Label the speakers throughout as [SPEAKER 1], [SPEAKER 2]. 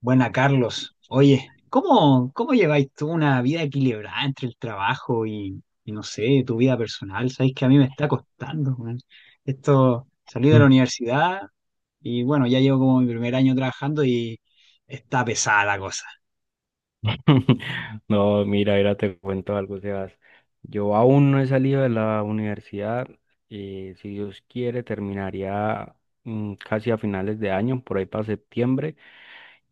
[SPEAKER 1] Buena, Carlos. Oye, ¿cómo lleváis tú una vida equilibrada entre el trabajo y no sé, tu vida personal? Sabéis que a mí me está costando, weón. Esto, salí de la
[SPEAKER 2] Mm.
[SPEAKER 1] universidad y bueno, ya llevo como mi primer año trabajando y está pesada la cosa.
[SPEAKER 2] No, mira, mira, te cuento algo, Sebas. Yo aún no he salido de la universidad. Si Dios quiere, terminaría casi a finales de año, por ahí para septiembre.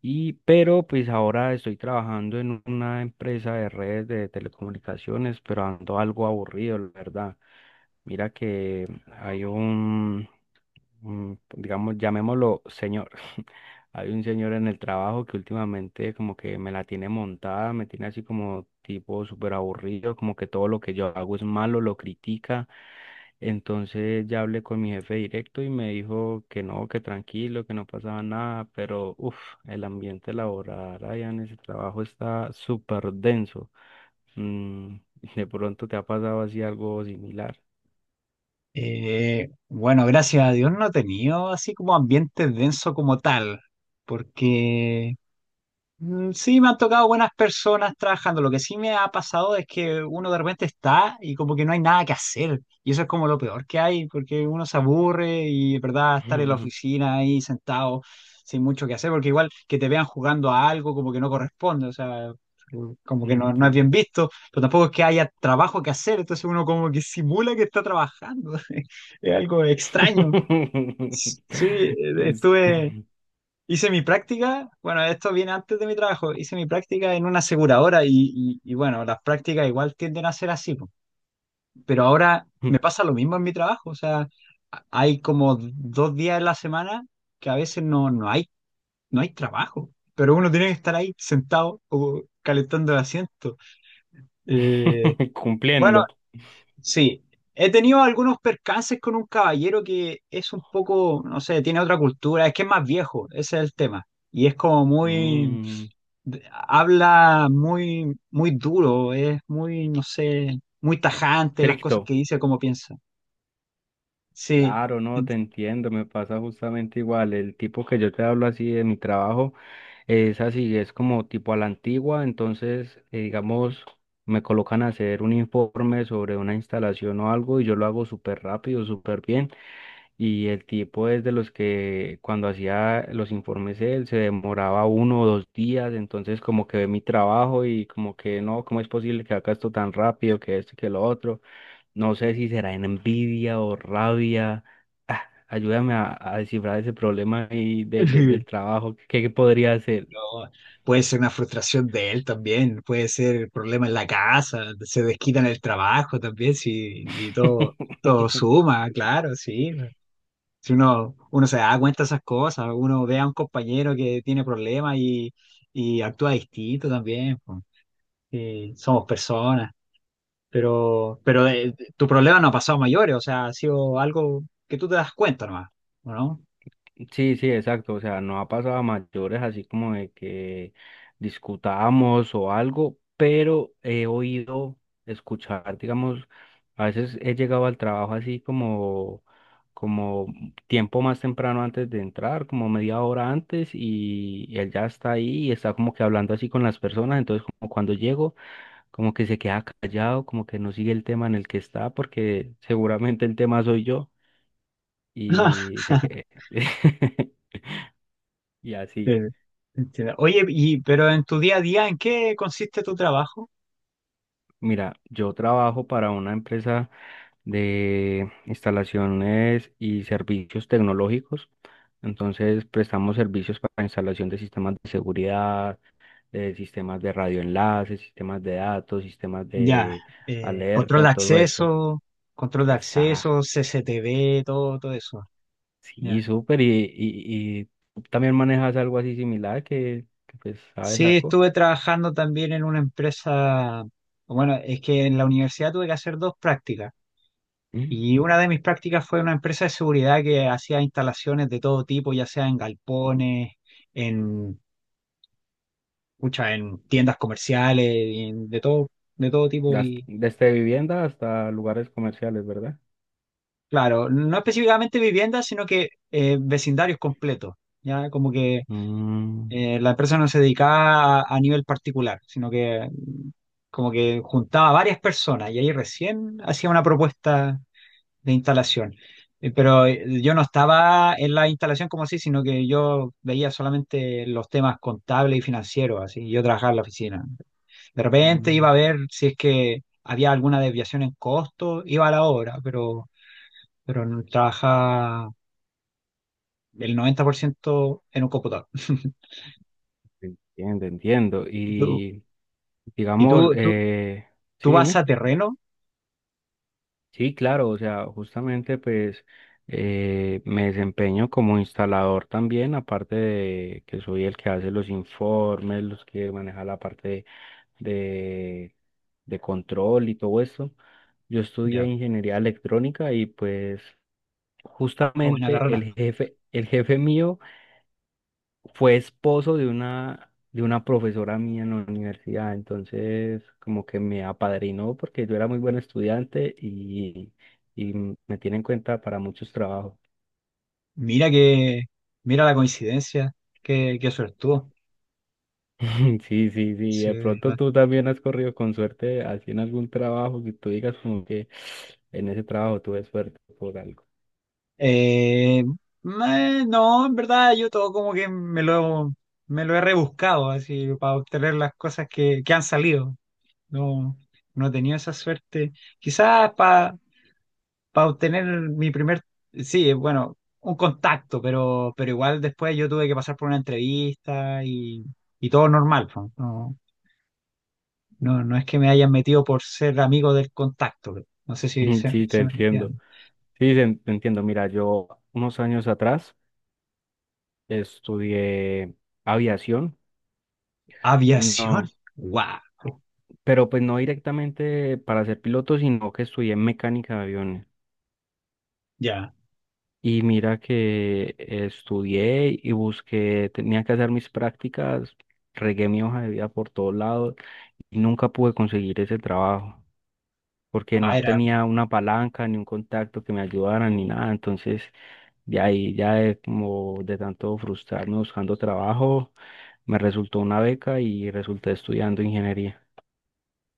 [SPEAKER 2] Pero pues ahora estoy trabajando en una empresa de redes de telecomunicaciones, pero ando algo aburrido, la verdad. Mira que hay un digamos, llamémoslo señor. Hay un señor en el trabajo que últimamente como que me la tiene montada, me tiene así como tipo súper aburrido, como que todo lo que yo hago es malo, lo critica. Entonces ya hablé con mi jefe directo y me dijo que no, que tranquilo, que no pasaba nada, pero uff, el ambiente laboral allá en ese trabajo está súper denso. Mm. De pronto te ha pasado así algo similar.
[SPEAKER 1] Bueno, gracias a Dios no he tenido así como ambiente denso como tal, porque sí, me han tocado buenas personas trabajando. Lo que sí me ha pasado es que uno de repente está y como que no hay nada que hacer. Y eso es como lo peor que hay, porque uno se aburre y, ¿verdad?, estar en la oficina ahí sentado sin mucho que hacer, porque igual que te vean jugando a algo como que no corresponde, o sea, como que no, no es bien
[SPEAKER 2] Sí.
[SPEAKER 1] visto, pero tampoco es que haya trabajo que hacer, entonces uno como que simula que está trabajando. Es algo extraño. Sí,
[SPEAKER 2] Es-
[SPEAKER 1] estuve... hice mi práctica, bueno, esto viene antes de mi trabajo, hice mi práctica en una aseguradora y, y bueno, las prácticas igual tienden a ser así, po. Pero ahora me pasa lo mismo en mi trabajo, o sea, hay como dos días en la semana que a veces no hay, no hay trabajo, pero uno tiene que estar ahí sentado o calentando el asiento. Eh, bueno,
[SPEAKER 2] Cumpliendo.
[SPEAKER 1] sí, he tenido algunos percances con un caballero que es un poco, no sé, tiene otra cultura, es que es más viejo, ese es el tema. Y es como muy,
[SPEAKER 2] Mm,
[SPEAKER 1] habla muy duro, es muy, no sé, muy tajante las cosas
[SPEAKER 2] estricto.
[SPEAKER 1] que dice, como piensa. Sí.
[SPEAKER 2] Claro, no, te entiendo, me pasa justamente igual. El tipo que yo te hablo así de mi trabajo es así, es como tipo a la antigua, entonces, digamos, me colocan a hacer un informe sobre una instalación o algo y yo lo hago súper rápido, súper bien. Y el tipo es de los que cuando hacía los informes él se demoraba uno o dos días, entonces como que ve mi trabajo y como que no, ¿cómo es posible que haga esto tan rápido, que esto y que lo otro? No sé si será en envidia o rabia. Ah, ayúdame a descifrar ese problema ahí del trabajo, ¿ qué podría hacer?
[SPEAKER 1] No, puede ser una frustración de él también, puede ser problema en la casa, se desquita en el trabajo también, sí, y todo, todo suma, claro, sí. Si uno se da cuenta de esas cosas, uno ve a un compañero que tiene problemas y actúa distinto también, po. Sí, somos personas. Pero, pero tu problema no ha pasado a mayores, o sea, ha sido algo que tú te das cuenta nomás, ¿o no?
[SPEAKER 2] Sí, sí, exacto. O sea, no ha pasado a mayores así como de que discutamos o algo, pero he oído escuchar, digamos, a veces he llegado al trabajo así como, como tiempo más temprano antes de entrar, como media hora antes, y él ya está ahí y está como que hablando así con las personas. Entonces, como cuando llego, como que se queda callado, como que no sigue el tema en el que está, porque seguramente el tema soy yo. Y se que Y
[SPEAKER 1] Sí,
[SPEAKER 2] así,
[SPEAKER 1] entiendo. Oye, y, pero en tu día a día, ¿en qué consiste tu trabajo?
[SPEAKER 2] mira, yo trabajo para una empresa de instalaciones y servicios tecnológicos. Entonces, prestamos servicios para instalación de sistemas de seguridad, de sistemas de radioenlaces, sistemas de datos, sistemas
[SPEAKER 1] Ya,
[SPEAKER 2] de
[SPEAKER 1] eh, control
[SPEAKER 2] alerta,
[SPEAKER 1] de
[SPEAKER 2] todo eso.
[SPEAKER 1] acceso, control de
[SPEAKER 2] Esa,
[SPEAKER 1] acceso, CCTV, todo, todo eso. Ya.
[SPEAKER 2] sí, súper. Y tú también manejas algo así similar que pues, sabes
[SPEAKER 1] Sí,
[SPEAKER 2] algo.
[SPEAKER 1] estuve trabajando también en una empresa, bueno, es que en la universidad tuve que hacer dos prácticas.
[SPEAKER 2] Mm.
[SPEAKER 1] Y una de mis prácticas fue una empresa de seguridad que hacía instalaciones de todo tipo, ya sea en galpones, en, pucha, en tiendas comerciales, y de todo tipo. Y
[SPEAKER 2] Desde vivienda hasta lugares comerciales, ¿verdad?
[SPEAKER 1] claro, no específicamente viviendas, sino que vecindarios completos. Ya como que
[SPEAKER 2] Mm.
[SPEAKER 1] la empresa no se dedicaba a nivel particular, sino que como que juntaba a varias personas y ahí recién hacía una propuesta de instalación. Pero yo no estaba en la instalación como así, sino que yo veía solamente los temas contables y financieros, así, yo trabajaba en la oficina. De repente
[SPEAKER 2] Mm.
[SPEAKER 1] iba a ver si es que había alguna desviación en costo, iba a la obra, pero, trabajaba el 90% en un computador.
[SPEAKER 2] Entiendo, entiendo.
[SPEAKER 1] ¿Y
[SPEAKER 2] Y
[SPEAKER 1] y
[SPEAKER 2] digamos,
[SPEAKER 1] tú, tú, tú
[SPEAKER 2] sí,
[SPEAKER 1] vas
[SPEAKER 2] dime.
[SPEAKER 1] a terreno?
[SPEAKER 2] Sí, claro, o sea, justamente pues me desempeño como instalador también, aparte de que soy el que hace los informes, los que maneja la parte de, de control y todo eso. Yo estudié
[SPEAKER 1] Ya,
[SPEAKER 2] ingeniería electrónica y pues
[SPEAKER 1] oh, buena
[SPEAKER 2] justamente
[SPEAKER 1] carrera.
[SPEAKER 2] el jefe mío fue esposo de una profesora mía en la universidad, entonces como que me apadrinó porque yo era muy buen estudiante y me tiene en cuenta para muchos trabajos.
[SPEAKER 1] Mira que, mira la coincidencia, qué suertudo.
[SPEAKER 2] Sí, sí, sí,
[SPEAKER 1] Sí,
[SPEAKER 2] de pronto tú también has corrido con suerte así en algún trabajo que tú digas como que en ese trabajo tuve suerte por algo.
[SPEAKER 1] No, en verdad yo todo como que me lo he rebuscado así para obtener las cosas que han salido. No, no he tenido esa suerte. Quizás para obtener mi primer, sí, bueno, un contacto, pero igual después yo tuve que pasar por una entrevista y todo normal. Po. No, no es que me hayan metido por ser amigo del contacto. No sé si se,
[SPEAKER 2] Sí, te
[SPEAKER 1] se me
[SPEAKER 2] entiendo.
[SPEAKER 1] entiende.
[SPEAKER 2] Sí, te entiendo. Mira, yo unos años atrás estudié aviación.
[SPEAKER 1] Aviación.
[SPEAKER 2] No.
[SPEAKER 1] Wow.
[SPEAKER 2] Pero pues no directamente para ser piloto, sino que estudié mecánica de aviones.
[SPEAKER 1] Ya.
[SPEAKER 2] Y mira que estudié y busqué, tenía que hacer mis prácticas, regué mi hoja de vida por todos lados y nunca pude conseguir ese trabajo porque
[SPEAKER 1] Ah,
[SPEAKER 2] no
[SPEAKER 1] era
[SPEAKER 2] tenía una palanca ni un contacto que me ayudara ni nada. Entonces, de ahí ya de, como de tanto frustrarme buscando trabajo, me resultó una beca y resulté estudiando ingeniería.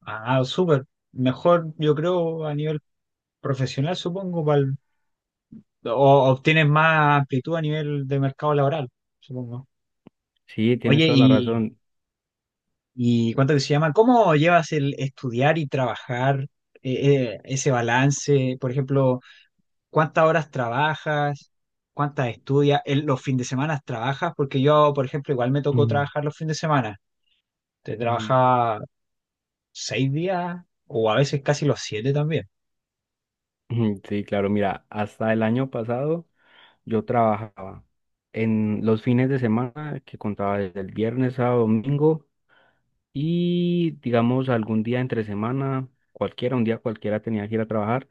[SPEAKER 1] ah, súper. Mejor, yo creo, a nivel profesional, supongo, o obtienes más amplitud a nivel de mercado laboral, supongo.
[SPEAKER 2] Sí, tienes
[SPEAKER 1] Oye,
[SPEAKER 2] toda la razón.
[SPEAKER 1] y cuánto que se llama? ¿Cómo llevas el estudiar y trabajar, ese balance? Por ejemplo, ¿cuántas horas trabajas? ¿Cuántas estudias? ¿Los fines de semana trabajas? Porque yo, por ejemplo, igual me tocó
[SPEAKER 2] Mm.
[SPEAKER 1] trabajar los fines de semana. Te
[SPEAKER 2] Ujú.
[SPEAKER 1] trabajaba seis días o a veces casi los siete también.
[SPEAKER 2] Ujú. Sí, claro, mira, hasta el año pasado yo trabajaba en los fines de semana que contaba desde el viernes a domingo y digamos algún día entre semana, cualquiera, un día cualquiera tenía que ir a trabajar,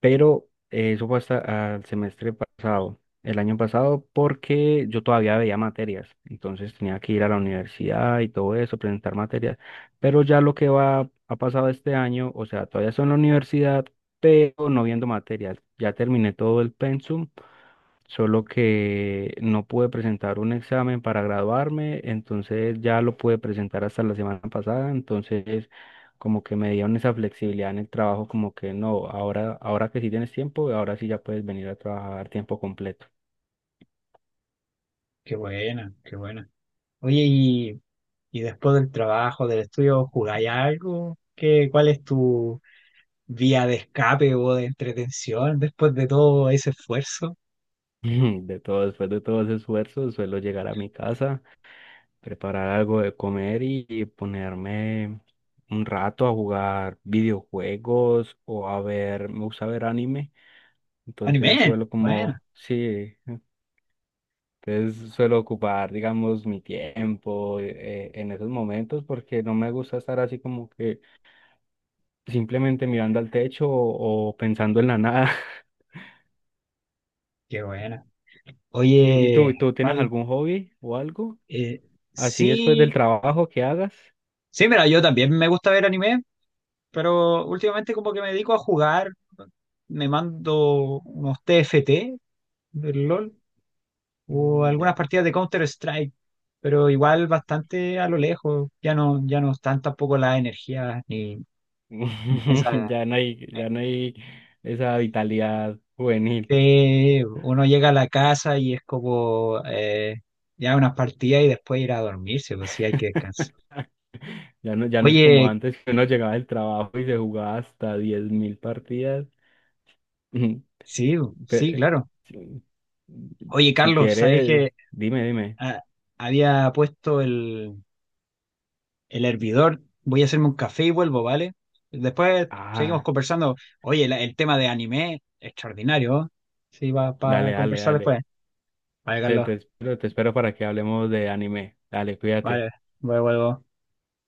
[SPEAKER 2] pero eso fue hasta al semestre pasado, el año pasado, porque yo todavía veía materias, entonces tenía que ir a la universidad y todo eso, presentar materias, pero ya lo que va, ha pasado este año, o sea, todavía estoy en la universidad, pero no viendo materias, ya terminé todo el pensum, solo que no pude presentar un examen para graduarme, entonces ya lo pude presentar hasta la semana pasada, entonces como que me dieron esa flexibilidad en el trabajo, como que no, ahora, ahora que sí tienes tiempo, ahora sí ya puedes venir a trabajar tiempo completo.
[SPEAKER 1] Qué buena, qué buena. Oye, y después del trabajo, del estudio, ¿jugáis algo? ¿Qué, cuál es tu vía de escape o de entretención después de todo ese esfuerzo?
[SPEAKER 2] De todo, después de todo ese esfuerzo, suelo llegar a mi casa, preparar algo de comer y ponerme un rato a jugar videojuegos o a ver, me gusta ver anime, entonces
[SPEAKER 1] ¡Anime!
[SPEAKER 2] suelo
[SPEAKER 1] Bueno,
[SPEAKER 2] como, sí, entonces suelo ocupar, digamos, mi tiempo en esos momentos porque no me gusta estar así como que simplemente mirando al techo o pensando en la nada.
[SPEAKER 1] qué buena.
[SPEAKER 2] ¿Y,
[SPEAKER 1] Oye,
[SPEAKER 2] tú tienes
[SPEAKER 1] Carl,
[SPEAKER 2] algún hobby o algo
[SPEAKER 1] eh,
[SPEAKER 2] así después del
[SPEAKER 1] sí,
[SPEAKER 2] trabajo que hagas?
[SPEAKER 1] sí, mira, yo también me gusta ver anime, pero últimamente como que me dedico a jugar, me mando unos TFT del LOL o
[SPEAKER 2] Mm.
[SPEAKER 1] algunas
[SPEAKER 2] Ya.
[SPEAKER 1] partidas de Counter-Strike, pero igual bastante a lo lejos, ya no están tampoco las energías ni, ni esa...
[SPEAKER 2] Ya no hay esa vitalidad juvenil.
[SPEAKER 1] uno llega a la casa y es como ya unas partidas y después ir a dormirse, pues sí, hay que descansar.
[SPEAKER 2] Ya no, ya no es como
[SPEAKER 1] Oye,
[SPEAKER 2] antes, que uno llegaba del trabajo y se jugaba hasta 10.000 partidas. Ujú.
[SPEAKER 1] sí, sí,
[SPEAKER 2] Pe-
[SPEAKER 1] claro.
[SPEAKER 2] si,
[SPEAKER 1] Oye,
[SPEAKER 2] si
[SPEAKER 1] Carlos, sabéis
[SPEAKER 2] quieres,
[SPEAKER 1] que
[SPEAKER 2] dime, dime.
[SPEAKER 1] ah, había puesto el hervidor. Voy a hacerme un café y vuelvo, ¿vale? Después seguimos
[SPEAKER 2] Ah,
[SPEAKER 1] conversando. Oye, el tema de anime, extraordinario. ¿Eh? Sí, va
[SPEAKER 2] dale,
[SPEAKER 1] para
[SPEAKER 2] dale,
[SPEAKER 1] conversar
[SPEAKER 2] dale.
[SPEAKER 1] después. Vale,
[SPEAKER 2] Te,
[SPEAKER 1] Carlos.
[SPEAKER 2] te espero para que hablemos de anime. Dale, cuídate.
[SPEAKER 1] Vale, vuelvo.